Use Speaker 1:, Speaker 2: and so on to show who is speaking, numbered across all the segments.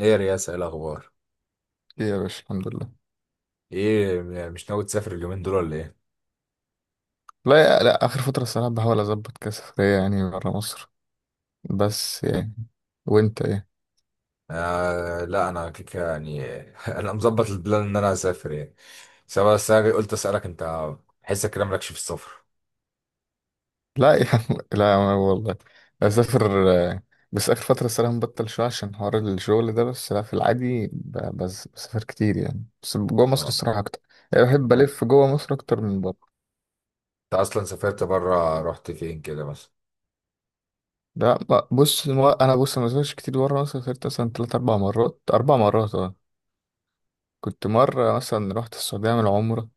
Speaker 1: ايه يا رياسة، ايه الاخبار؟
Speaker 2: إيه يا باشا، الحمد لله.
Speaker 1: ايه مش ناوي تسافر اليومين دول ولا ايه؟
Speaker 2: لا، لا، اخر فتره الصراحه بحاول اظبط كسفريه، يعني بره مصر، بس يعني. وانت ايه؟
Speaker 1: آه لا، انا كيكه يعني. انا مظبط البلان ان انا اسافر يعني، سواء. بس أنا قلت اسالك انت، حسك كده مالكش في السفر.
Speaker 2: لا يا عم، لا، والله اسافر، بس اخر فتره الصراحه مبطل شويه، عشان حوار الشغل ده، بس لا في العادي بس بسافر كتير، يعني بس جوه مصر
Speaker 1: تمام.
Speaker 2: الصراحه اكتر. يعني بحب
Speaker 1: انت
Speaker 2: الف جوه مصر اكتر من بره.
Speaker 1: اصلا سافرت بره، رحت فين كده مثلا؟
Speaker 2: لا، بص، انا بص ما سافرتش كتير بره مصر. سافرت مثلا 3 4 مرات، 4 مرات، اه. كنت مره مثلا رحت السعوديه اعمل عمره.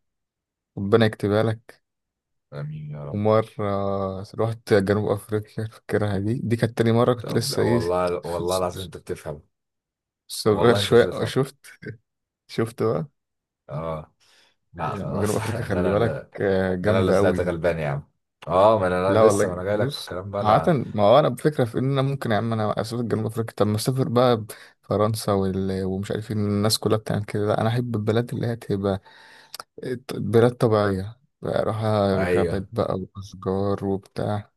Speaker 2: ربنا يكتبها لك.
Speaker 1: امين يا رب.
Speaker 2: ومرة رحت جنوب أفريقيا، فاكرها دي كانت تاني مرة، كنت
Speaker 1: طب
Speaker 2: لسه إيه،
Speaker 1: والله، والله العظيم انت بتفهم.
Speaker 2: صغير
Speaker 1: والله انت
Speaker 2: شوية،
Speaker 1: بتفهم.
Speaker 2: شفت بقى،
Speaker 1: اه لا
Speaker 2: يعني جنوب
Speaker 1: خلاص.
Speaker 2: أفريقيا،
Speaker 1: ده
Speaker 2: خلي
Speaker 1: انا
Speaker 2: بالك،
Speaker 1: اللي، ده انا اللي
Speaker 2: جامدة أوي
Speaker 1: طلعت
Speaker 2: دي.
Speaker 1: غلبان يا عم. اه، ما انا
Speaker 2: لا
Speaker 1: أنا لسه، ما
Speaker 2: والله،
Speaker 1: انا جاي لك في
Speaker 2: بص
Speaker 1: الكلام بقى
Speaker 2: عادة،
Speaker 1: انا.
Speaker 2: ما هو أنا بفكرة في إن أنا ممكن، يا عم أنا أسافر جنوب أفريقيا، طب ما أسافر بقى فرنسا ومش عارفين الناس كلها بتعمل كده. لا، أنا أحب البلاد اللي هي تبقى بلاد طبيعية، بقى أروح غابات
Speaker 1: ايوه،
Speaker 2: بقى، وأشجار وبتاع.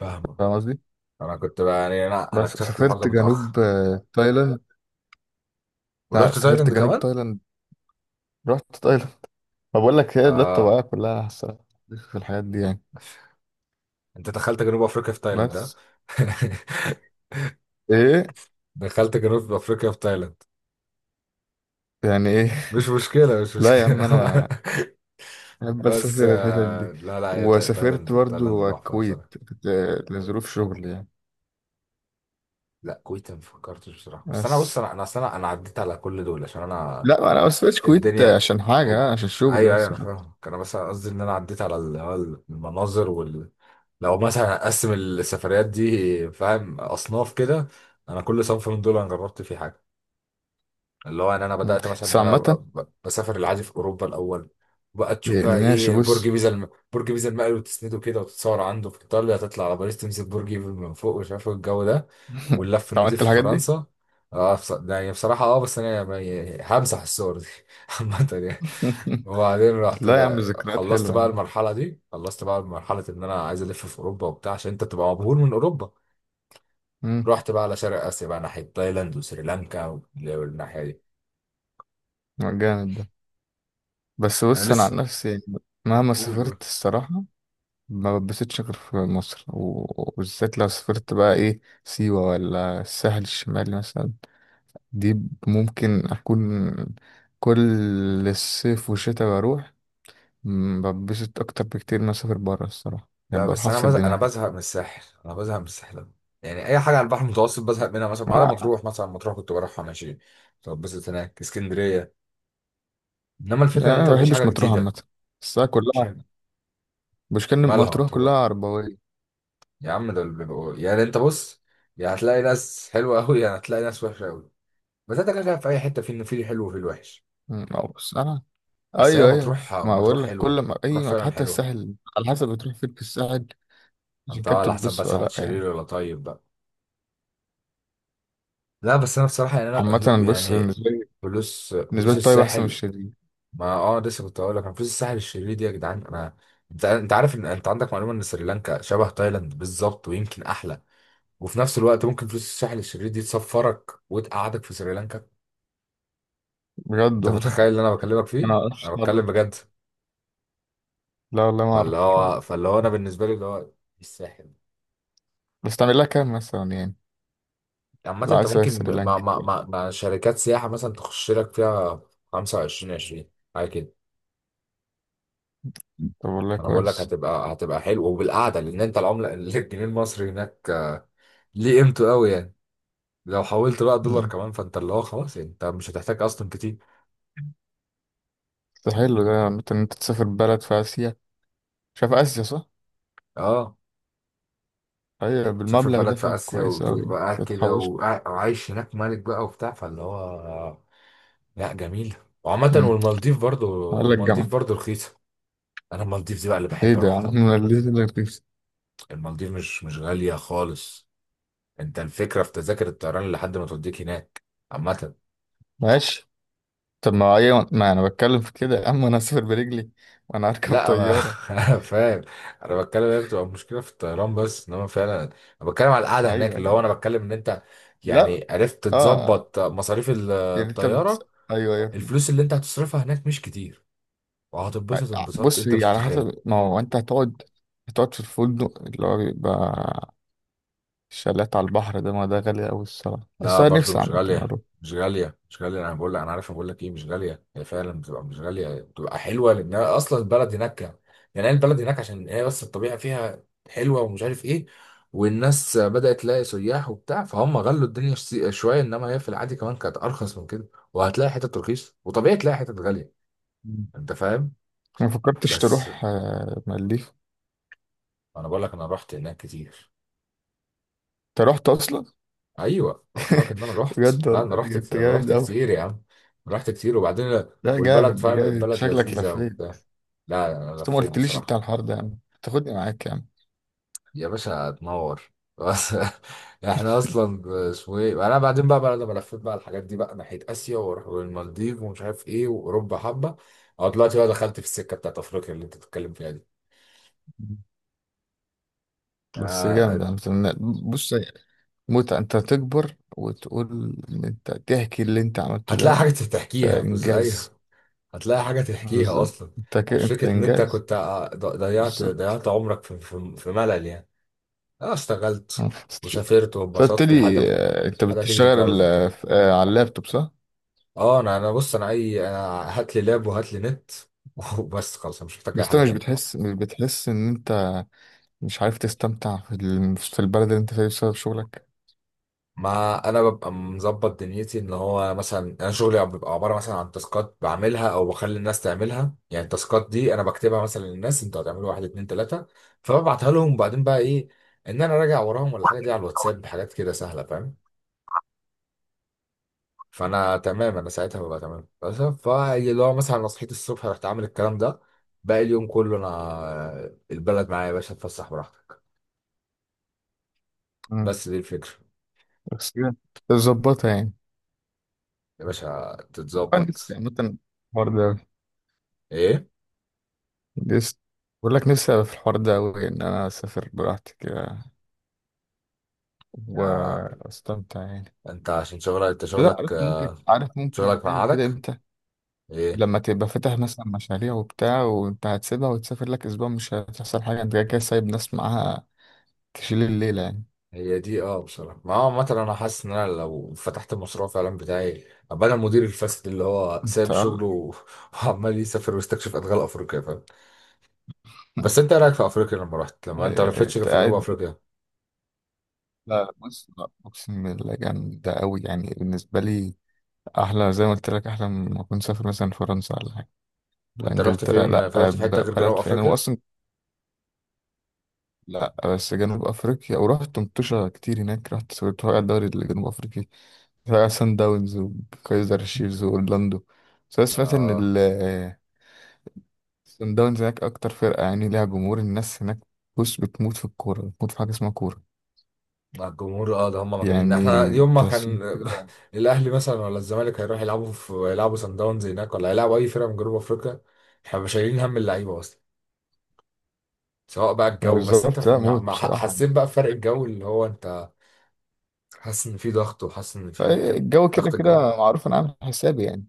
Speaker 1: فاهمك.
Speaker 2: فاهم قصدي؟
Speaker 1: انا كنت بقى يعني، انا
Speaker 2: بس
Speaker 1: اكتشفت الحوار ده
Speaker 2: سافرت
Speaker 1: متاخر.
Speaker 2: جنوب، تايلاند. لا
Speaker 1: ورحت
Speaker 2: سافرت
Speaker 1: تايلاند
Speaker 2: جنوب
Speaker 1: كمان؟
Speaker 2: تايلاند. رحت تايلاند. ما بقول لك هي بلاد
Speaker 1: اه،
Speaker 2: طبيعية كلها أحسن في الحاجات دي يعني.
Speaker 1: انت دخلت جنوب افريقيا في تايلاند ها؟
Speaker 2: بس. ايه؟
Speaker 1: دخلت جنوب افريقيا في تايلاند.
Speaker 2: يعني ايه؟
Speaker 1: مش مشكله مش
Speaker 2: لا يا عم،
Speaker 1: مشكله
Speaker 2: انا بحب
Speaker 1: بس
Speaker 2: اسافر الحتت
Speaker 1: آه
Speaker 2: دي.
Speaker 1: لا لا، هي
Speaker 2: وسافرت
Speaker 1: تايلاند
Speaker 2: برضو
Speaker 1: تحفه بصراحه.
Speaker 2: الكويت، لظروف شغل يعني.
Speaker 1: لا كويت ما فكرتش بصراحه. بس انا بص،
Speaker 2: بس.
Speaker 1: انا أصل، انا عديت على كل دول عشان انا
Speaker 2: لا انا ما سافرتش الكويت
Speaker 1: الدنيا،
Speaker 2: عشان
Speaker 1: الد-
Speaker 2: حاجة، عشان شغل
Speaker 1: ايوه ايوه
Speaker 2: بس،
Speaker 1: انا
Speaker 2: مش اكتر.
Speaker 1: فاهم. انا بس قصدي ان انا عديت على على المناظر وال... لو مثلا اقسم السفريات دي فاهم، اصناف كده، انا كل صنف من دول انا جربت فيه حاجه. اللي هو ان انا
Speaker 2: مم.
Speaker 1: بدات مثلا
Speaker 2: بس
Speaker 1: ان انا
Speaker 2: عامة،
Speaker 1: بسافر العادي في اوروبا الاول. بقى تشوف
Speaker 2: يعني
Speaker 1: بقى
Speaker 2: ماشي،
Speaker 1: ايه،
Speaker 2: بص.
Speaker 1: برج بيزا المقل وتسنده كده وتتصور عنده في ايطاليا، تطلع على باريس تمسك برج ايفل من فوق ومش عارف إيه الجو ده، واللف
Speaker 2: أنت عملت
Speaker 1: النضيف في
Speaker 2: الحاجات دي؟
Speaker 1: فرنسا. اه بص، ده يعني بصراحه اه، بس انا يعني همسح الصور دي. عامه يعني. وبعدين رحت،
Speaker 2: لا يا عم، ذكريات
Speaker 1: خلصت
Speaker 2: حلوة
Speaker 1: بقى
Speaker 2: يعني.
Speaker 1: المرحله دي، خلصت بقى مرحله ان انا عايز الف في اوروبا وبتاع، عشان انت تبقى مبهور من اوروبا.
Speaker 2: مم.
Speaker 1: رحت بقى على شرق اسيا بقى، ناحيه تايلاند وسريلانكا والناحيه دي.
Speaker 2: جامد ده. بس
Speaker 1: انا
Speaker 2: بص، انا عن
Speaker 1: لسه،
Speaker 2: نفسي مهما
Speaker 1: قول قول.
Speaker 2: سافرت الصراحه، ما بتبسطش غير في مصر، وبالذات لو سافرت بقى ايه، سيوه ولا الساحل الشمالي مثلا، دي ممكن اكون كل الصيف والشتاء بروح. بتبسط اكتر بكتير ما اسافر بره الصراحه، يعني
Speaker 1: لا
Speaker 2: بروح
Speaker 1: بس انا
Speaker 2: افصل
Speaker 1: بزهق، انا
Speaker 2: دماغي.
Speaker 1: بزهق من الساحل، انا بزهق من الساحل أوي. يعني اي حاجه على البحر المتوسط بزهق منها، مثلا ما عدا
Speaker 2: آه،
Speaker 1: مطروح. مثلا مطروح كنت بروحها ماشي، طب بس هناك اسكندريه. انما الفكره
Speaker 2: يعني
Speaker 1: ان
Speaker 2: انا
Speaker 1: انت
Speaker 2: ما
Speaker 1: مفيش حاجه
Speaker 2: بحبش مطروح
Speaker 1: جديده.
Speaker 2: عامه، بس أنا
Speaker 1: مش
Speaker 2: كلها.
Speaker 1: عارف.
Speaker 2: مش كان
Speaker 1: مالها
Speaker 2: مطروح كلها
Speaker 1: مطروح؟
Speaker 2: عربويه.
Speaker 1: يا عم ده اللي يعني انت بص، يا هتلاقي ناس حلوه قوي، يا هتلاقي ناس وحشه قوي. بس انت كده كده في اي حته، في الحلو وفي الوحش.
Speaker 2: أو بس انا.
Speaker 1: بس هي
Speaker 2: ايوه، ايوه،
Speaker 1: مطروح
Speaker 2: ما
Speaker 1: مطروح
Speaker 2: بقول لك كل
Speaker 1: حلوه.
Speaker 2: ما اي
Speaker 1: مطروح فعلا
Speaker 2: حتى
Speaker 1: حلوه.
Speaker 2: الساحل على حسب بتروح فين في الساحل.
Speaker 1: انت على
Speaker 2: الكابتن،
Speaker 1: حسب
Speaker 2: بص
Speaker 1: بس، واحد
Speaker 2: لا
Speaker 1: شرير
Speaker 2: يعني.
Speaker 1: ولا طيب بقى. لا بس انا بصراحه يعني، انا
Speaker 2: عامة، بص،
Speaker 1: يعني
Speaker 2: بالنسبة لي،
Speaker 1: فلوس
Speaker 2: بالنسبة
Speaker 1: فلوس
Speaker 2: لي الطيب أحسن من
Speaker 1: الساحل.
Speaker 2: الشديد.
Speaker 1: ما اه، لسه كنت هقول لك انا فلوس الساحل الشرير دي يا جدعان. انا، انت عارف ان انت عندك معلومه ان سريلانكا شبه تايلاند بالظبط ويمكن احلى، وفي نفس الوقت ممكن فلوس الساحل الشرير دي تسفرك وتقعدك في سريلانكا.
Speaker 2: بجد
Speaker 1: انت
Speaker 2: والله.
Speaker 1: متخيل اللي انا بكلمك فيه؟
Speaker 2: أنا ما أعرفش
Speaker 1: انا
Speaker 2: الحوار
Speaker 1: بتكلم
Speaker 2: ده.
Speaker 1: بجد.
Speaker 2: لا والله ما
Speaker 1: فاللي
Speaker 2: أعرف الحوار ده.
Speaker 1: هو فاللي هو انا بالنسبه لي، اللي هو الساحل.
Speaker 2: بس تعمل لها كام مثلا يعني؟
Speaker 1: عامه
Speaker 2: لو
Speaker 1: انت
Speaker 2: عايز تسافر
Speaker 1: ممكن مع
Speaker 2: سريلانكا
Speaker 1: مع
Speaker 2: يعني.
Speaker 1: مع, مع شركات سياحه مثلا تخش لك فيها، 25 20 حاجه كده.
Speaker 2: طب والله
Speaker 1: انا بقول لك
Speaker 2: كويس.
Speaker 1: هتبقى، هتبقى حلو وبالقعده، لان انت العمله الجنيه المصري هناك ليه قيمته قوي يعني. لو حولت بقى دولار
Speaker 2: مم.
Speaker 1: كمان، فانت اللي هو خلاص يعني، انت مش هتحتاج اصلا كتير.
Speaker 2: ده حلو ده عامة، إن أنت تسافر بلد في آسيا. شايف آسيا صح؟
Speaker 1: اه،
Speaker 2: أيوة،
Speaker 1: تسافر
Speaker 2: بالمبلغ ده
Speaker 1: بلد في اسيا
Speaker 2: فكويس أوي
Speaker 1: وتبقى
Speaker 2: يعني،
Speaker 1: قاعد
Speaker 2: بس
Speaker 1: كده،
Speaker 2: هتحوش.
Speaker 1: وعايش هناك ملك بقى وبتاع، فاللي هو لا جميل. وعامة والمالديف برضو،
Speaker 2: أقول لك جامعة.
Speaker 1: المالديف برضو رخيصة. انا المالديف دي بقى اللي
Speaker 2: إيه
Speaker 1: بحب
Speaker 2: ده يا
Speaker 1: اروح
Speaker 2: عم؟
Speaker 1: قوي.
Speaker 2: أنا ليه ده رخيص؟
Speaker 1: المالديف مش غالية خالص. انت الفكرة في تذاكر الطيران لحد ما توديك هناك. عامة
Speaker 2: ماشي. طب ما أيوة، ما أنا بتكلم في كده يا عم، أنا أسافر برجلي وأنا أركب
Speaker 1: لا، ما
Speaker 2: طيارة.
Speaker 1: انا فاهم. انا بتكلم، هي بتبقى مشكله في الطيران بس، انما فعلا انا بتكلم على القعده هناك،
Speaker 2: أيوة
Speaker 1: اللي هو
Speaker 2: يعني.
Speaker 1: انا بتكلم ان انت
Speaker 2: لا،
Speaker 1: يعني عرفت
Speaker 2: اه.
Speaker 1: تظبط مصاريف
Speaker 2: يعني انت
Speaker 1: الطياره.
Speaker 2: ايوه، ايوه،
Speaker 1: الفلوس
Speaker 2: فاهم.
Speaker 1: اللي انت هتصرفها هناك مش كتير، وهتتبسط انبساط
Speaker 2: بص
Speaker 1: انت
Speaker 2: هي
Speaker 1: مش
Speaker 2: على
Speaker 1: متخيل.
Speaker 2: حسب، ما هو انت هتقعد. هتقعد في الفندق اللي هو بيبقى شالات على البحر، ده ما ده غالي قوي الصراحه، بس
Speaker 1: لا
Speaker 2: انا
Speaker 1: برضو
Speaker 2: نفسي
Speaker 1: مش
Speaker 2: عامه
Speaker 1: غالية،
Speaker 2: اروح.
Speaker 1: مش غالية. أنا بقول لك أنا عارف. أنا بقول لك إيه، مش غالية. هي فعلا بتبقى مش غالية، بتبقى حلوة، لأن أصلا البلد هناك، يعني هي البلد هناك عشان هي بس الطبيعة فيها حلوة ومش عارف إيه، والناس بدأت تلاقي سياح وبتاع فهم غلوا الدنيا شوية، إنما هي في العادي كمان كانت أرخص من كده. وهتلاقي حتت رخيص وطبيعي تلاقي حتت غالية،
Speaker 2: مم.
Speaker 1: أنت فاهم.
Speaker 2: ما فكرتش
Speaker 1: بس
Speaker 2: تروح مالديف؟
Speaker 1: أنا بقول لك أنا رحت هناك كتير.
Speaker 2: انت رحت اصلا؟
Speaker 1: ايوه انا بكلمك ان انا رحت.
Speaker 2: بجد
Speaker 1: لا
Speaker 2: والله،
Speaker 1: انا رحت
Speaker 2: انت
Speaker 1: كتير، انا
Speaker 2: جامد
Speaker 1: رحت كتير
Speaker 2: قوي.
Speaker 1: يا عم. رحت كتير وبعدين،
Speaker 2: لا
Speaker 1: والبلد
Speaker 2: جامد، ده
Speaker 1: فاهم،
Speaker 2: جامد،
Speaker 1: البلد
Speaker 2: شكلك
Speaker 1: لذيذه
Speaker 2: لفيت.
Speaker 1: وبتاع. لا انا
Speaker 2: بس ما
Speaker 1: لفيت
Speaker 2: قلتليش انت على
Speaker 1: بصراحه.
Speaker 2: الحوار ده يا عم، تاخدني معاك يا عم.
Speaker 1: يا باشا تنور. بس احنا اصلا اسمه ايه، انا بعدين بقى، لما لفيت بقى الحاجات دي بقى ناحيه اسيا واروح للمالديف ومش عارف ايه واوروبا حبه، اه دلوقتي بقى دخلت في السكه بتاعت افريقيا اللي انت بتتكلم فيها دي.
Speaker 2: مم. بس جامد
Speaker 1: آه،
Speaker 2: يا عم. بص، متعة انت تكبر وتقول ان انت تحكي اللي انت عملته
Speaker 1: هتلاقي حاجه
Speaker 2: ده. ده
Speaker 1: تحكيها بس،
Speaker 2: انجاز.
Speaker 1: ايوه. هتلاقي حاجة تحكيها
Speaker 2: بالظبط،
Speaker 1: أصلا.
Speaker 2: انت كده
Speaker 1: مش
Speaker 2: انت
Speaker 1: فكرة إن أنت
Speaker 2: انجاز.
Speaker 1: كنت ضيعت،
Speaker 2: بالظبط.
Speaker 1: ضيعت عمرك في ملل يعني. أه، اشتغلت
Speaker 2: آه.
Speaker 1: وسافرت
Speaker 2: فقلت
Speaker 1: واتبسطت لحد
Speaker 2: لي،
Speaker 1: ما،
Speaker 2: انت
Speaker 1: لحد ما تيجي تتجوز
Speaker 2: بتشتغل
Speaker 1: وبتاع.
Speaker 2: على اللابتوب صح؟
Speaker 1: أه، أنا بص، أنا هات لي لاب وهات لي نت، وبس خلاص، أنا مش محتاج
Speaker 2: بس
Speaker 1: أي
Speaker 2: انت
Speaker 1: حاجة
Speaker 2: مش
Speaker 1: تانية.
Speaker 2: بتحس مش بتحس ان انت مش عارف تستمتع في البلد اللي انت فيها بسبب شغلك.
Speaker 1: ما انا ببقى مظبط دنيتي، ان هو مثلا انا شغلي بيبقى عباره مثلا عن تاسكات بعملها او بخلي الناس تعملها. يعني التاسكات دي انا بكتبها مثلا للناس، انتوا هتعملوا واحد اتنين تلاته، فببعتها لهم، وبعدين بقى ايه، ان انا راجع وراهم ولا حاجه، دي على الواتساب حاجات كده سهله فاهم. فانا تمام، انا ساعتها ببقى تمام. بس فاللي هو مثلا انا صحيت الصبح رحت عامل الكلام ده، باقي اليوم كله انا البلد معايا يا باشا، اتفسح براحتك.
Speaker 2: مم.
Speaker 1: بس دي الفكره.
Speaker 2: بس كده تظبطها يعني؟
Speaker 1: يا باشا
Speaker 2: انا نفسي
Speaker 1: تتظبط.
Speaker 2: عامة الحوار ده
Speaker 1: ايه،
Speaker 2: لسه، بقول لك نفسي أبقى في الحوار ده أوي، إن أنا أسافر براحتي كده واستمتع يعني.
Speaker 1: انت عشان شغلك، انت
Speaker 2: لا،
Speaker 1: شغلك،
Speaker 2: عارف ممكن
Speaker 1: شغلك
Speaker 2: تعمل كده
Speaker 1: مقعدك.
Speaker 2: امتى؟
Speaker 1: ايه،
Speaker 2: لما تبقى فاتح مثلا مشاريع وبتاع، وانت هتسيبها وتسافر لك اسبوع مش هتحصل حاجه، انت كده كده سايب ناس معاها تشيل الليله يعني.
Speaker 1: هي دي اه بصراحه. ما هو مثلا انا حاسس ان انا لو فتحت المشروع فعلا بتاعي، ابقى انا المدير الفاسد اللي هو
Speaker 2: انت؟
Speaker 1: سايب
Speaker 2: آه.
Speaker 1: شغله و- وعمال يسافر ويستكشف ادغال افريقيا فاهم. بس انت إيه رايك في افريقيا لما رحت، لما انت ما لفتش غير
Speaker 2: انت
Speaker 1: في جنوب
Speaker 2: قاعد؟
Speaker 1: افريقيا؟
Speaker 2: لا بص، لا اقسم بالله جامده قوي يعني بالنسبه لي، احلى زي ما قلت لك، احلى من ما اكون سافر مثلا فرنسا ولا حاجه، لا
Speaker 1: انت رحت
Speaker 2: انجلترا،
Speaker 1: فين،
Speaker 2: لا
Speaker 1: في رحت في حته غير جنوب
Speaker 2: بلد فين هو
Speaker 1: افريقيا؟
Speaker 2: اصلا. لا بس جنوب افريقيا، ورحت مطوشه كتير هناك، رحت سوري الدوري الجنوب افريقي، سان داونز وكايزر شيفز وأورلاندو. بس أنا سمعت إن
Speaker 1: اه،
Speaker 2: ال سان داونز هناك أكتر فرقة، يعني ليها جمهور الناس هناك. بص بتموت في الكورة، بتموت في حاجة اسمها كورة
Speaker 1: مع الجمهور اه، ده هم مجانين. ده
Speaker 2: يعني،
Speaker 1: احنا يوم ما
Speaker 2: تحسهم
Speaker 1: كان
Speaker 2: كده.
Speaker 1: الاهلي مثلا ولا الزمالك هيروح يلعبوا، في يلعبوا سان داونز هناك ولا هيلعبوا اي فرقه من جنوب افريقيا، احنا مش شايلين هم اللعيبه اصلا، سواء بقى الجو. بس انت
Speaker 2: بالظبط،
Speaker 1: ف...
Speaker 2: لا موت بصراحة.
Speaker 1: حسيت بقى بفرق الجو اللي هو انت حاسس ان في ضغط، وحاسس ان في حاجه كده،
Speaker 2: الجو كده
Speaker 1: ضغط الجو.
Speaker 2: كده معروف، أنا عامل حسابي يعني.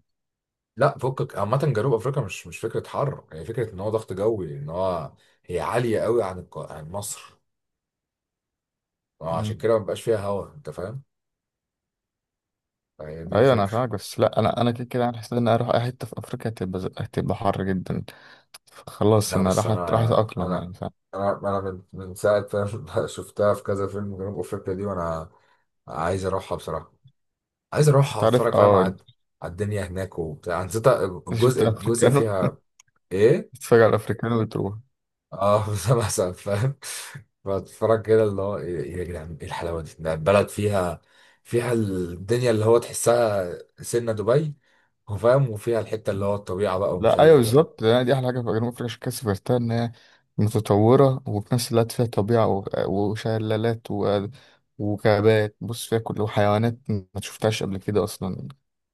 Speaker 1: لا فكك، عامه جنوب افريقيا مش مش فكره حر، هي فكره ان هو ضغط جوي، ان هو هي عاليه قوي عن عن مصر، عشان
Speaker 2: مم.
Speaker 1: كده ما بقاش فيها هوا، انت فاهم. هي دي
Speaker 2: أيوة، أنا
Speaker 1: الفكره.
Speaker 2: فاهمك، بس لا أنا كده كده عامل حسابي إن أنا أروح أي حتة في أفريقيا هتبقى، هتبقى حر جدا. خلاص
Speaker 1: لا
Speaker 2: أنا
Speaker 1: بس
Speaker 2: راح
Speaker 1: انا،
Speaker 2: راح أتأقلم
Speaker 1: انا
Speaker 2: يعني، فاهم.
Speaker 1: انا من ساعه ما شفتها في كذا فيلم جنوب افريقيا دي وانا عايز اروحها بصراحه. عايز
Speaker 2: أنت
Speaker 1: اروحها
Speaker 2: عارف؟
Speaker 1: اتفرج فاهم على
Speaker 2: أنت
Speaker 1: على الدنيا هناك وبتاع. أنا نسيت
Speaker 2: شفت
Speaker 1: الجزء
Speaker 2: أفريكانو؟
Speaker 1: فيها ايه.
Speaker 2: تتفرج على الأفريكانو وتروح.
Speaker 1: اه مثلا فاهم، بتفرج كده اللي هو ايه، إيه يا جدعان ايه الحلاوه دي؟ ده البلد فيها، فيها الدنيا اللي هو تحسها سنه دبي وفاهم، وفيها الحته اللي هو الطبيعه بقى ومش
Speaker 2: لا ايوه،
Speaker 1: عارف ايه.
Speaker 2: بالظبط يعني، دي احلى حاجه في جنوب افريقيا، عشان كده سافرتها، ان هي متطوره وفي نفس الوقت فيها طبيعه وشلالات وغابات، بص فيها كل وحيوانات ما شفتهاش قبل كده اصلا.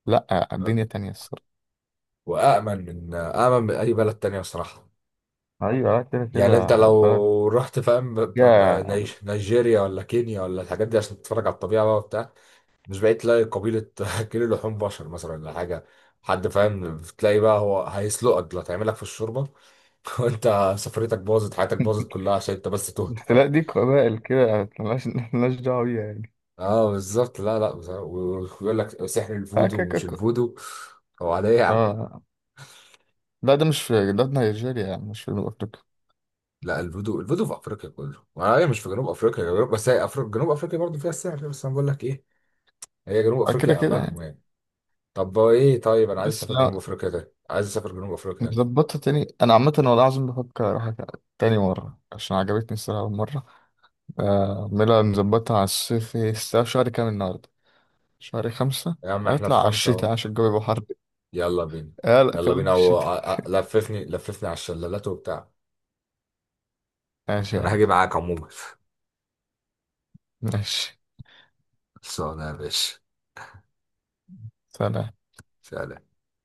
Speaker 2: لا الدنيا تانية الصراحه.
Speaker 1: وامن، من اي بلد تانية بصراحه.
Speaker 2: ايوه، لا كده
Speaker 1: يعني انت
Speaker 2: كده بلد
Speaker 1: لو رحت فاهم
Speaker 2: فيها.
Speaker 1: نيجيريا ولا كينيا ولا الحاجات دي عشان تتفرج على الطبيعه بقى وبتاع، مش بقيت تلاقي قبيلة كيلو لحوم بشر مثلا ولا حاجة، حد فاهم، بتلاقي بقى هو هيسلقك دلوقتي هيعملك في الشوربة، وانت سفريتك باظت، حياتك باظت كلها عشان انت بس تهت فاهم.
Speaker 2: الاحتلال دي قبائل كده ملهاش دعوه بيها يعني.
Speaker 1: اه بالظبط. لا لا بصراحة. ويقول لك سحر
Speaker 2: اه
Speaker 1: الفودو
Speaker 2: كده كده
Speaker 1: ومش
Speaker 2: كده.
Speaker 1: الفودو هو على ايه يا عم؟
Speaker 2: اه، لا ده مش في، ده في نيجيريا يعني، مش في جنوب افريقيا.
Speaker 1: لا الفودو، الفودو في افريقيا كله، هي مش في جنوب افريقيا، جنوب. بس هي أفريقيا، جنوب افريقيا برضه فيها السحر. بس انا بقول لك ايه، هي جنوب
Speaker 2: آه، كده
Speaker 1: افريقيا
Speaker 2: كده
Speaker 1: امانهم
Speaker 2: يعني.
Speaker 1: يعني. طب ايه طيب، انا عايز
Speaker 2: بس
Speaker 1: اسافر جنوب افريقيا، ده عايز اسافر جنوب افريقيا يعني.
Speaker 2: ظبطها تاني، انا عامه والله العظيم بفكر اروح تاني مره عشان عجبتني الصراحه اول مره. اعملها نظبطها على الصيف، الساعه شهر كام النهارده؟ شهر 5.
Speaker 1: يا عم احنا في
Speaker 2: هطلع على
Speaker 1: خمسة
Speaker 2: الشتاء
Speaker 1: اهو.
Speaker 2: عشان الجو يبقى حر.
Speaker 1: يلا بينا.
Speaker 2: اه، لا
Speaker 1: يلا
Speaker 2: خلينا في
Speaker 1: بينا و...
Speaker 2: الشتاء.
Speaker 1: لففني، لففني على الشلالات وبتاع.
Speaker 2: ماشي يا
Speaker 1: انا
Speaker 2: عم.
Speaker 1: هاجي معاك عموما.
Speaker 2: ماشي.
Speaker 1: خلصانه يا باشا.
Speaker 2: سلام.
Speaker 1: سلام.